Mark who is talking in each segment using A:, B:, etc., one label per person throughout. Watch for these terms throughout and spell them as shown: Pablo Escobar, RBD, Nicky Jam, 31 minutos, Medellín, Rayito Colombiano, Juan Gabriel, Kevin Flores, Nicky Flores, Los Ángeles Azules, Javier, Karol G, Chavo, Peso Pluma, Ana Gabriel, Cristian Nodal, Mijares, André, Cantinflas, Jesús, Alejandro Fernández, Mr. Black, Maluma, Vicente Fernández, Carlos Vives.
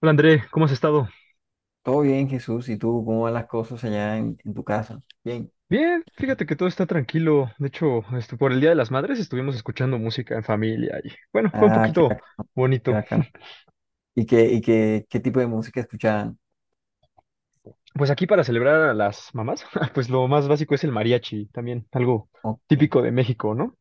A: Hola André, ¿cómo has estado?
B: Todo bien, Jesús. ¿Y tú cómo van las cosas allá en tu casa? Bien.
A: Bien, fíjate que todo está tranquilo. De hecho, por el Día de las Madres estuvimos escuchando música en familia y bueno, fue un
B: Ah, qué
A: poquito
B: bacano, qué
A: bonito.
B: bacano. ¿Y qué tipo de música escuchaban?
A: Pues aquí para celebrar a las mamás, pues lo más básico es el mariachi, también algo
B: Ok.
A: típico de México, ¿no?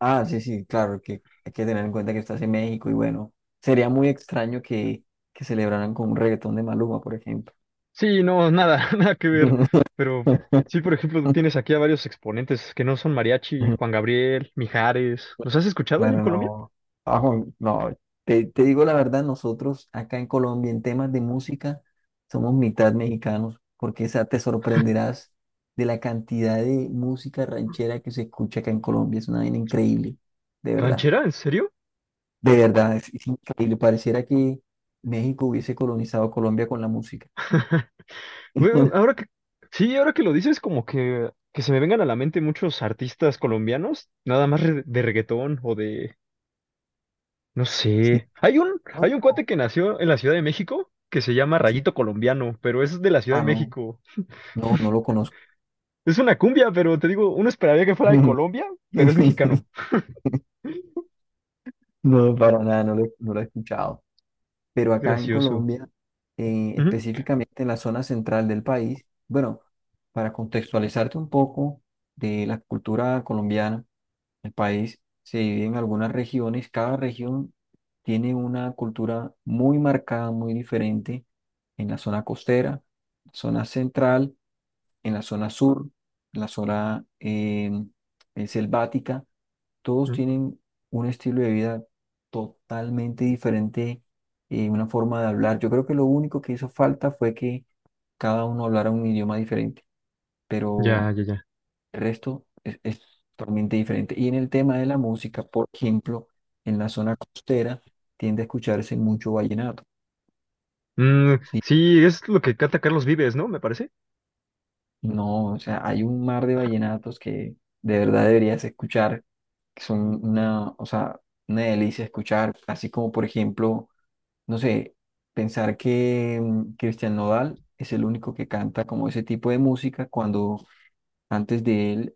B: Ah, sí, sí, claro, que hay que tener en cuenta que estás en México y bueno, sería muy extraño que celebraran con un reggaetón de Maluma, por ejemplo.
A: Sí, no, nada, nada que ver. Pero sí, por ejemplo, tienes aquí a varios exponentes que no son mariachi, Juan Gabriel, Mijares. ¿Los has escuchado allá en
B: Claro,
A: Colombia?
B: no. Ajo, no. Te digo la verdad, nosotros acá en Colombia en temas de música somos mitad mexicanos, porque esa te sorprenderás de la cantidad de música ranchera que se escucha acá en Colombia. Es una vaina increíble, de verdad.
A: ¿Ranchera? ¿En serio?
B: De verdad, es increíble. Pareciera que México hubiese colonizado Colombia con la música.
A: Güey, ahora que lo dices, como que, se me vengan a la mente muchos artistas colombianos, nada más de reggaetón o de, no
B: Sí.
A: sé.
B: No,
A: Hay un cuate
B: no.
A: que nació en la Ciudad de México que se llama
B: Sí.
A: Rayito Colombiano, pero es de la Ciudad
B: Ah,
A: de
B: no.
A: México.
B: No, no lo conozco.
A: Es una cumbia, pero te digo, uno esperaría que fuera de Colombia, pero es mexicano.
B: No, para nada, no lo he escuchado. Pero acá en
A: Gracioso.
B: Colombia,
A: Ujú,
B: específicamente en la zona central del país, bueno, para contextualizarte un poco de la cultura colombiana, el país se divide en algunas regiones, cada región tiene una cultura muy marcada, muy diferente en la zona costera, zona central, en la zona sur, en la zona selvática, todos
A: ujú.
B: tienen un estilo de vida totalmente diferente, una forma de hablar. Yo creo que lo único que hizo falta fue que cada uno hablara un idioma diferente, pero
A: Ya, ya, ya.
B: el resto es totalmente diferente. Y en el tema de la música, por ejemplo, en la zona costera tiende a escucharse mucho vallenato,
A: Mm,
B: ¿sí?
A: sí, es lo que canta Carlos Vives, ¿no? Me parece.
B: No, o sea, hay un mar de vallenatos que de verdad deberías escuchar, que son una, o sea, una delicia escuchar, así como por ejemplo no sé, pensar que Cristian Nodal es el único que canta como ese tipo de música, cuando antes de él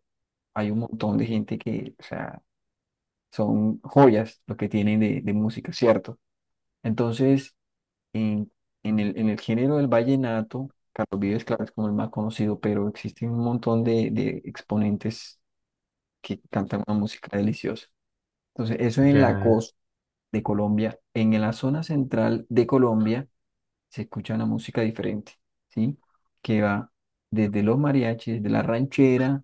B: hay un montón de gente que, o sea, son joyas lo que tienen de música, ¿cierto? Entonces, en, en el género del vallenato, Carlos Vives, claro, es como el más conocido, pero existen un montón de exponentes que cantan una música deliciosa. Entonces, eso en la
A: Ya.
B: costa de Colombia; en la zona central de Colombia se escucha una música diferente, ¿sí? Que va desde los mariachis, de la ranchera,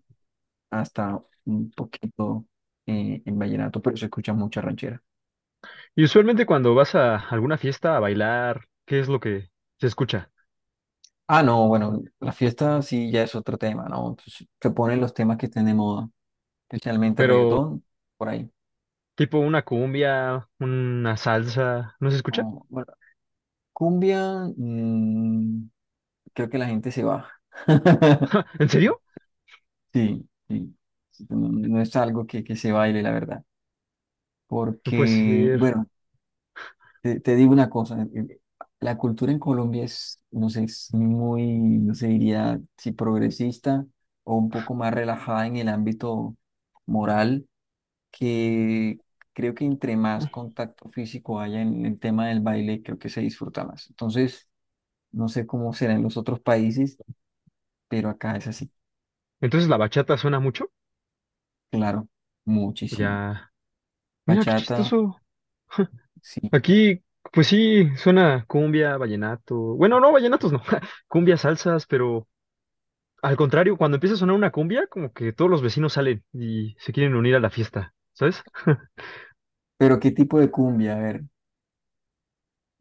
B: hasta un poquito el vallenato, pero se escucha mucha ranchera.
A: Y usualmente cuando vas a alguna fiesta a bailar, ¿qué es lo que se escucha?
B: Ah, no, bueno, la fiesta sí ya es otro tema, ¿no? Entonces, se ponen los temas que estén de moda, especialmente
A: Pero
B: reggaetón, por ahí.
A: tipo una cumbia, una salsa, ¿no se escucha?
B: Oh, bueno, cumbia, creo que la gente se va.
A: ¿En serio?
B: Sí, sí. No, no es algo que, se baile, la verdad.
A: No puede
B: Porque,
A: ser.
B: bueno, te digo una cosa, la cultura en Colombia es, no sé, es muy, no sé, diría si progresista o un poco más relajada en el ámbito moral, que creo que entre más contacto físico haya en el tema del baile, creo que se disfruta más. Entonces, no sé cómo será en los otros países, pero acá es así,
A: Entonces la bachata suena mucho.
B: claro, muchísimo.
A: Ya. Mira qué
B: Bachata,
A: chistoso.
B: sí.
A: Aquí, pues sí, suena cumbia, vallenato. Bueno, no, vallenatos no. Cumbia, salsas, pero al contrario, cuando empieza a sonar una cumbia, como que todos los vecinos salen y se quieren unir a la fiesta, ¿sabes?
B: Pero ¿qué tipo de cumbia? A ver,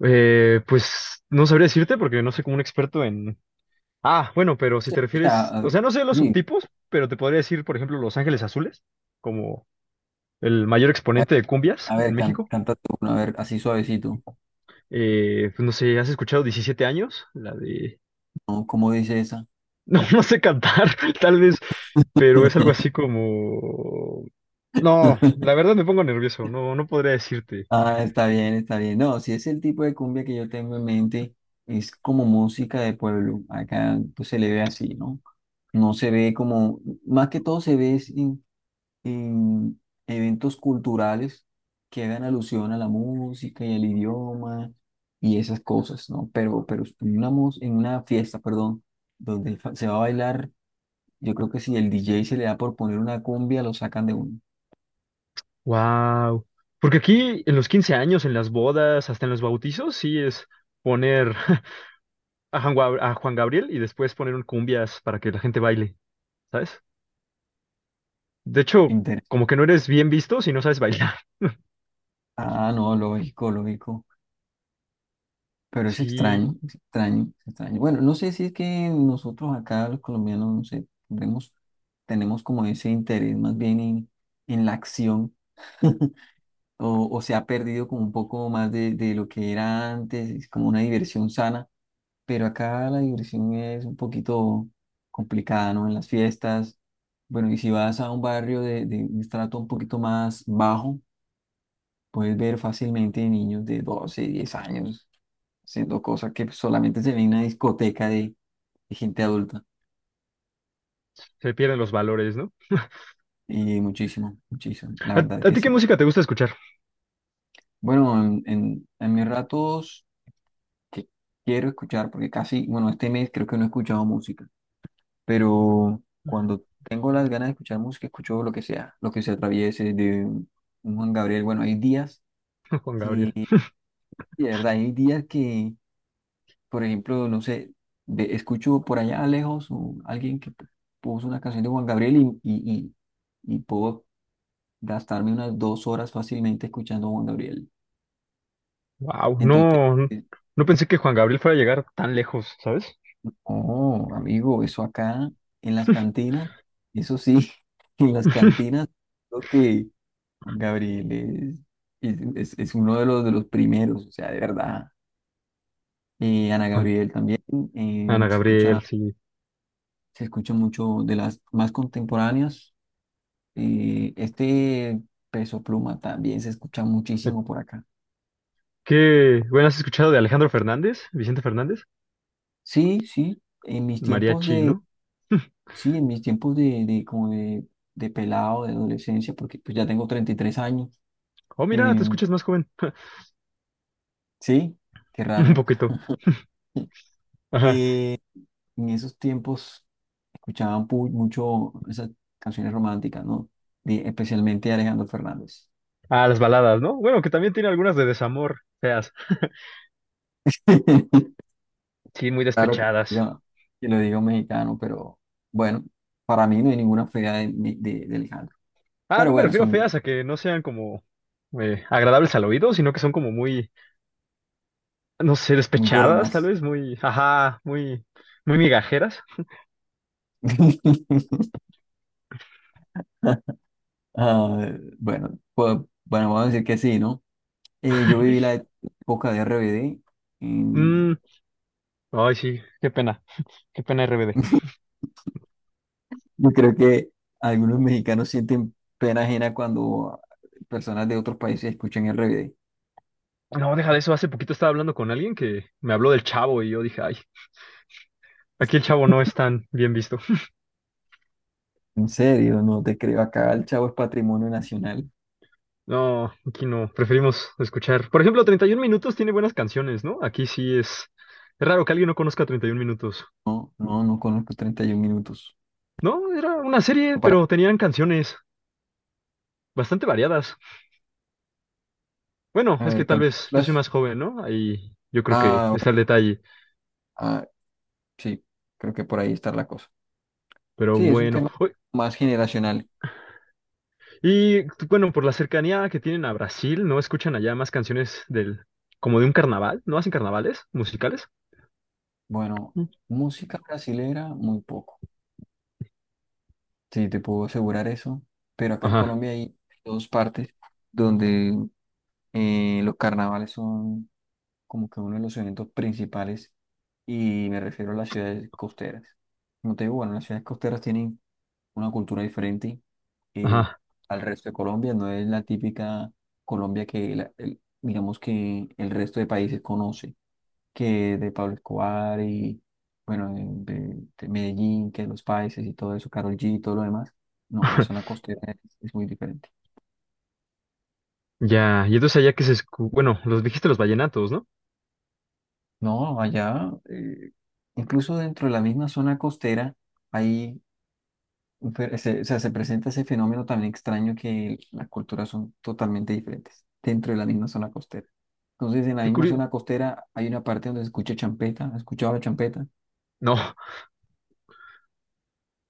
A: Pues no sabría decirte porque no soy como un experto en Ah, bueno, pero si te
B: o sea,
A: refieres,
B: ah,
A: o sea, no sé los
B: sí.
A: subtipos, pero te podría decir, por ejemplo, Los Ángeles Azules, como el mayor exponente de cumbias
B: A ver,
A: en México.
B: canta tú, a ver, así suavecito.
A: Pues no sé, ¿has escuchado 17 años? La de...
B: ¿No? ¿Cómo dice esa?
A: No, no sé cantar, tal vez, pero es algo así como... No, la verdad me pongo nervioso, no, no podría decirte.
B: Ah, está bien, está bien. No, si es el tipo de cumbia que yo tengo en mente, es como música de pueblo. Acá pues, se le ve así, ¿no? No se ve como, más que todo se ve es en eventos culturales que hagan alusión a la música y al idioma y esas cosas, ¿no? Pero en una, en una fiesta, perdón, donde se va a bailar. Yo creo que si el DJ se le da por poner una cumbia, lo sacan de un
A: Wow. Porque aquí en los 15 años, en las bodas, hasta en los bautizos, sí es poner a a Juan Gabriel y después poner un cumbias para que la gente baile. ¿Sabes? De hecho,
B: interés.
A: como que no eres bien visto si no sabes bailar.
B: Ah, no, lógico, lógico. Pero es
A: Sí,
B: extraño, es extraño, es extraño. Bueno, no sé si es que nosotros acá, los colombianos, no sé, tenemos, tenemos como ese interés más bien en la acción, o se ha perdido como un poco más de lo que era antes, es como una diversión sana. Pero acá la diversión es un poquito complicada, ¿no? En las fiestas. Bueno, y si vas a un barrio de, un estrato un poquito más bajo, puedes ver fácilmente niños de 12 10 años haciendo cosas que solamente se ven en una discoteca de gente adulta.
A: se pierden los valores, ¿no?
B: Y muchísimo, muchísimo, la verdad
A: A
B: que
A: ti qué
B: sí.
A: música te gusta escuchar,
B: Bueno, en mis ratos que quiero escuchar, porque casi, bueno, este mes creo que no he escuchado música, pero cuando tengo las ganas de escuchar música, escucho lo que sea, lo que se atraviese de un Juan Gabriel. Bueno, hay días
A: Juan Gabriel?
B: que, de verdad, hay días que... Por ejemplo, no sé, escucho por allá lejos alguien que puso una canción de Juan Gabriel y, y, y, y, puedo gastarme unas 2 horas fácilmente escuchando a Juan Gabriel.
A: Wow,
B: Entonces,
A: no,
B: eh,
A: no pensé que Juan Gabriel fuera a llegar tan lejos, ¿sabes?
B: oh, amigo, eso acá en las cantinas, eso sí, en las cantinas, creo que Juan Gabriel es, es, es uno de los primeros, o sea, de verdad. Ana
A: Ah,
B: Gabriel también, eh,
A: Ana
B: se
A: Gabriel,
B: escucha,
A: sí.
B: se escucha mucho de las más contemporáneas. Eh, este Peso Pluma también se escucha muchísimo por acá.
A: ¿Qué? Bueno, ¿has escuchado de Alejandro Fernández? Vicente Fernández,
B: Sí, sí, en mis tiempos
A: mariachi,
B: de,
A: ¿no?
B: sí, en mis tiempos de, como de pelado, de adolescencia, porque pues ya tengo 33 años.
A: Oh, mira,
B: Eh,
A: te escuchas más joven.
B: sí, qué
A: Un
B: raro.
A: poquito. Ajá.
B: Eh, en esos tiempos escuchaban mucho esas canciones románticas, ¿no? Especialmente de Alejandro Fernández.
A: Ah, las baladas, ¿no? Bueno, que también tiene algunas de desamor, feas. Sí, muy
B: Claro que,
A: despechadas.
B: que lo digo mexicano, pero bueno, para mí no hay ninguna fea de Alejandro.
A: Ah,
B: Pero
A: no me
B: bueno,
A: refiero a
B: son
A: feas a que no sean como agradables al oído, sino que son como muy, no sé,
B: muy
A: despechadas, tal
B: lloronas.
A: vez, muy, ajá, muy, muy migajeras.
B: Ah, bueno, pues, bueno, vamos a decir que sí, ¿no? Yo viví la época de RBD. mm,
A: Mm, ay, sí, qué pena RBD.
B: yo creo que algunos mexicanos sienten pena ajena cuando personas de otros países escuchan RBD.
A: No, deja de eso, hace poquito estaba hablando con alguien que me habló del Chavo y yo dije, ay, aquí el Chavo no es tan bien visto.
B: En serio, no te creo. Acá el Chavo es patrimonio nacional.
A: No, aquí no, preferimos escuchar. Por ejemplo, 31 minutos tiene buenas canciones, ¿no? Es raro que alguien no conozca 31 minutos.
B: No, no, no conozco 31 minutos.
A: No, era una serie,
B: Para,
A: pero tenían canciones bastante variadas. Bueno,
B: a
A: es que
B: ver,
A: tal vez yo soy
B: cantinflas.
A: más joven, ¿no? Ahí yo creo que
B: Ah,
A: está el detalle,
B: ah, sí, creo que por ahí está la cosa.
A: pero
B: Sí, es un
A: bueno.
B: tema
A: Oy,
B: más generacional.
A: y tú, bueno, por la cercanía que tienen a Brasil, ¿no escuchan allá más canciones del, como de un carnaval? ¿No hacen carnavales musicales?
B: Bueno,
A: Mm.
B: música brasilera, muy poco. Sí, te puedo asegurar eso. Pero acá en
A: Ajá,
B: Colombia hay dos partes donde los carnavales son como que uno de los eventos principales, y me refiero a las ciudades costeras. Como te digo, bueno, las ciudades costeras tienen una cultura diferente, eh,
A: ajá.
B: al resto de Colombia. No es la típica Colombia que, la- el- digamos que el resto de países conoce. Que de Pablo Escobar y, bueno, de, de Medellín, que los países y todo eso, Karol G y todo lo demás. No, la zona costera es muy diferente.
A: Ya, y entonces allá que se escu- bueno, los dijiste los vallenatos, ¿no?
B: No, allá, incluso dentro de la misma zona costera, hay, un se, o sea, se presenta ese fenómeno también extraño que las culturas son totalmente diferentes dentro de la misma zona costera. Entonces, en la
A: Qué
B: misma
A: curio-
B: zona costera hay una parte donde se escucha champeta, ¿has escuchado la champeta?
A: No,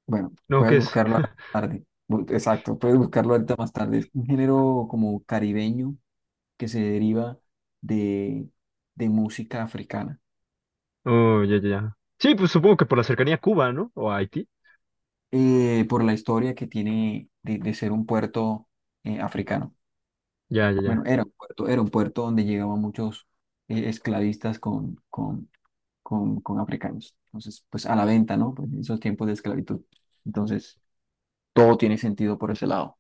B: Bueno,
A: no,
B: puedes
A: ¿qué es?
B: buscarlo a la tarde. Exacto, puedes buscarlo ahorita más tarde. Es un género como caribeño que se deriva de, de música africana,
A: Oh, ya, ya, ya. Sí, pues supongo que por la cercanía a Cuba, ¿no? O a Haití.
B: por la historia que tiene de ser un puerto africano.
A: Ya, ya,
B: Bueno,
A: ya.
B: era un puerto donde llegaban muchos esclavistas con, con africanos. Entonces, pues a la venta, ¿no? Pues, en esos tiempos de esclavitud. Entonces, todo tiene sentido por ese lado.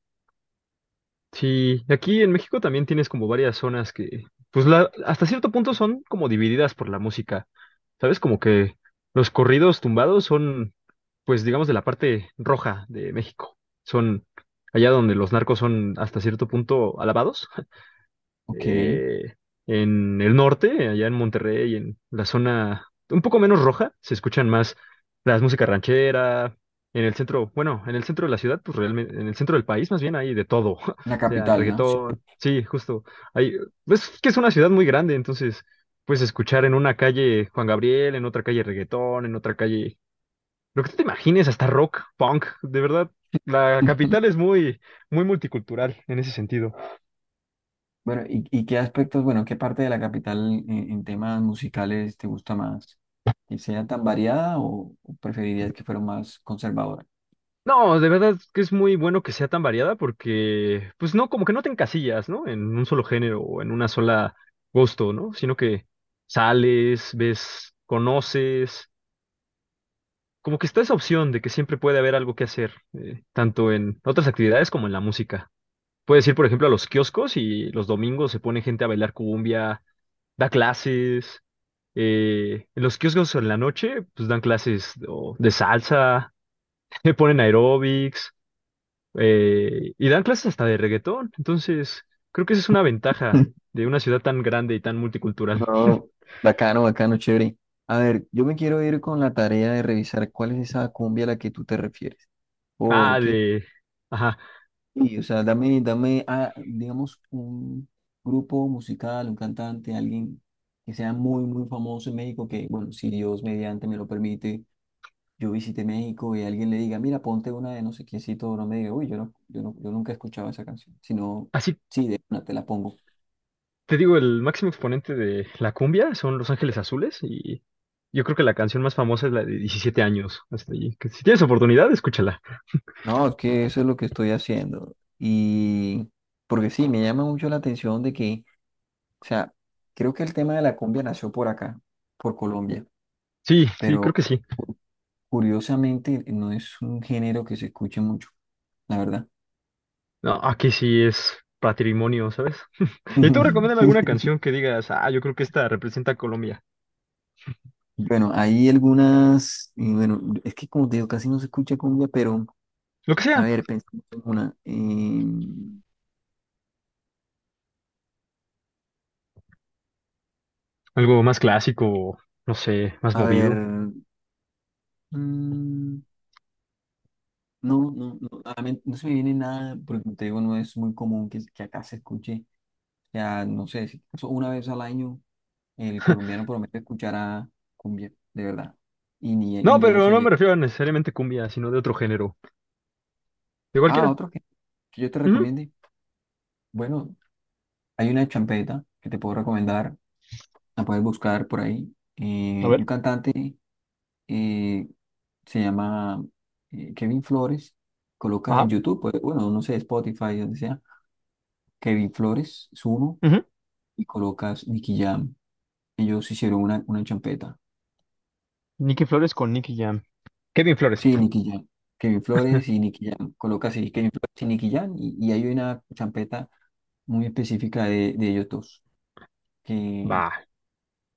A: Sí, aquí en México también tienes como varias zonas que, pues la, hasta cierto punto son como divididas por la música, ¿sabes? Como que los corridos tumbados son, pues digamos, de la parte roja de México. Son allá donde los narcos son hasta cierto punto alabados.
B: Ok,
A: eh, en el norte, allá en Monterrey, en la zona un poco menos roja, se escuchan más las músicas ranchera. En el centro, bueno, en el centro de la ciudad, pues realmente, en el centro del país más bien hay de todo. O
B: la
A: sea,
B: capital, ¿no? Sí.
A: reggaetón, sí, justo. Hay, es que es una ciudad muy grande, entonces puedes escuchar en una calle Juan Gabriel, en otra calle reggaetón, en otra calle, lo que tú te imagines, hasta rock, punk. De verdad, la capital es muy, muy multicultural en ese sentido.
B: Bueno, y qué aspectos, bueno, qué parte de la capital en temas musicales te gusta más? ¿Que sea tan variada o preferirías que fuera más conservadora?
A: No, de verdad es que es muy bueno que sea tan variada porque, pues no, como que no te encasillas, ¿no? En un solo género o en una sola gusto, ¿no? Sino que sales, ves, conoces, como que está esa opción de que siempre puede haber algo que hacer, tanto en otras actividades como en la música. Puedes ir, por ejemplo, a los kioscos y los domingos se pone gente a bailar cumbia, da clases. En los kioscos en la noche, pues dan clases o de salsa, ponen aeróbics. Y dan clases hasta de reggaetón. Entonces, creo que esa es una ventaja de una ciudad tan grande y tan multicultural.
B: No, bacano, bacano, chévere. A ver, yo me quiero ir con la tarea de revisar cuál es esa cumbia a la que tú te refieres.
A: Ah,
B: Porque,
A: de... Ajá.
B: sí, o sea, dame, ah, digamos, un grupo musical, un cantante, alguien que sea muy, muy famoso en México, que, bueno, si Dios mediante me lo permite, yo visité México y alguien le diga, mira, ponte una de no sé quiéncito, no me diga, uy, yo no, yo no, yo nunca he escuchado esa canción, sino,
A: Así
B: sí, de una te la pongo.
A: te digo, el máximo exponente de la cumbia son Los Ángeles Azules y yo creo que la canción más famosa es la de 17 años. Hasta allí. Que si tienes oportunidad, escúchala.
B: No, es que eso es lo que estoy haciendo. Y porque sí, me llama mucho la atención de que, o sea, creo que el tema de la cumbia nació por acá, por Colombia,
A: Sí, sí, creo
B: pero
A: que sí.
B: cu- curiosamente no es un género que se escuche mucho, la verdad.
A: No, aquí sí es patrimonio, ¿sabes? Y tú recomiendas alguna canción que digas, ah, yo creo que esta representa a Colombia.
B: Bueno, hay algunas, y bueno, es que como te digo, casi no se escucha cumbia, pero...
A: Lo que
B: A
A: sea,
B: ver, pensemos en una. em,
A: algo más clásico, no sé, más
B: a ver.
A: movido.
B: mm, no, no, no, a la mente no se me viene nada, porque como te digo, no es muy común que, acá se escuche. Ya, no sé, si acaso una vez al año el colombiano promete escuchar a cumbia, de verdad. Y ni,
A: No,
B: ni a
A: pero
B: eso
A: no me
B: llega.
A: refiero a necesariamente cumbia, sino de otro género. De
B: Ah,
A: cualquiera.
B: otro que yo te
A: Ujú.
B: recomiende. Bueno, hay una champeta que te puedo recomendar. La puedes buscar por ahí.
A: A
B: Un
A: ver.
B: cantante, eh, se llama, Kevin Flores, coloca en
A: Ajá.
B: YouTube, pues, bueno, no sé, Spotify, donde sea, Kevin Flores es uno,
A: Ujú.
B: y colocas Nicky Jam. Ellos hicieron una champeta.
A: Nicky Flores con Nicky Jam. Kevin Flores.
B: Sí, Nicky Jam. Kevin Flores y Nicky Jam. Colocas ahí Kevin Flores y Nicky Jam y hay una champeta muy específica de ellos dos. Que,
A: Va.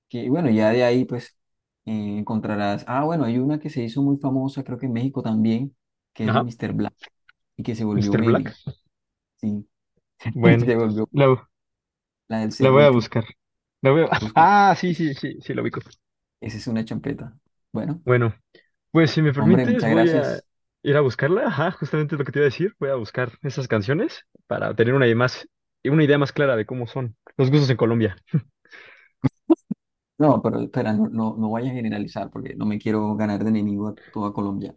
B: bueno, ya de ahí pues encontrarás. Ah, bueno, hay una que se hizo muy famosa, creo que en México también, que es de
A: Ajá.
B: Mr. Black y que se volvió
A: Mr. Black.
B: meme. Sí,
A: Bueno,
B: se volvió...
A: la,
B: La del
A: la voy a
B: serrucho.
A: buscar. La voy a-
B: Búscala.
A: Ah, sí,
B: Es-
A: sí, sí, sí, la ubico.
B: Esa es una champeta. Bueno,
A: Bueno, pues si me
B: hombre,
A: permites,
B: muchas
A: voy a
B: gracias.
A: ir a buscarla. Ajá, justamente lo que te iba a decir. Voy a buscar esas canciones para tener una idea más clara de cómo son los gustos en Colombia.
B: No, pero espera, no, no, no vayas a generalizar porque no me quiero ganar de enemigo a toda Colombia.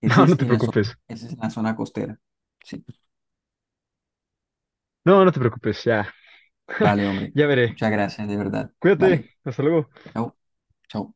B: Ese
A: No, no
B: es
A: te
B: en la zona,
A: preocupes.
B: ese es en la zona costera. Sí.
A: No, no te preocupes. Ya,
B: Vale, hombre.
A: ya veré.
B: Muchas gracias, de verdad.
A: Cuídate.
B: Vale.
A: Hasta luego.
B: Chao. Chao.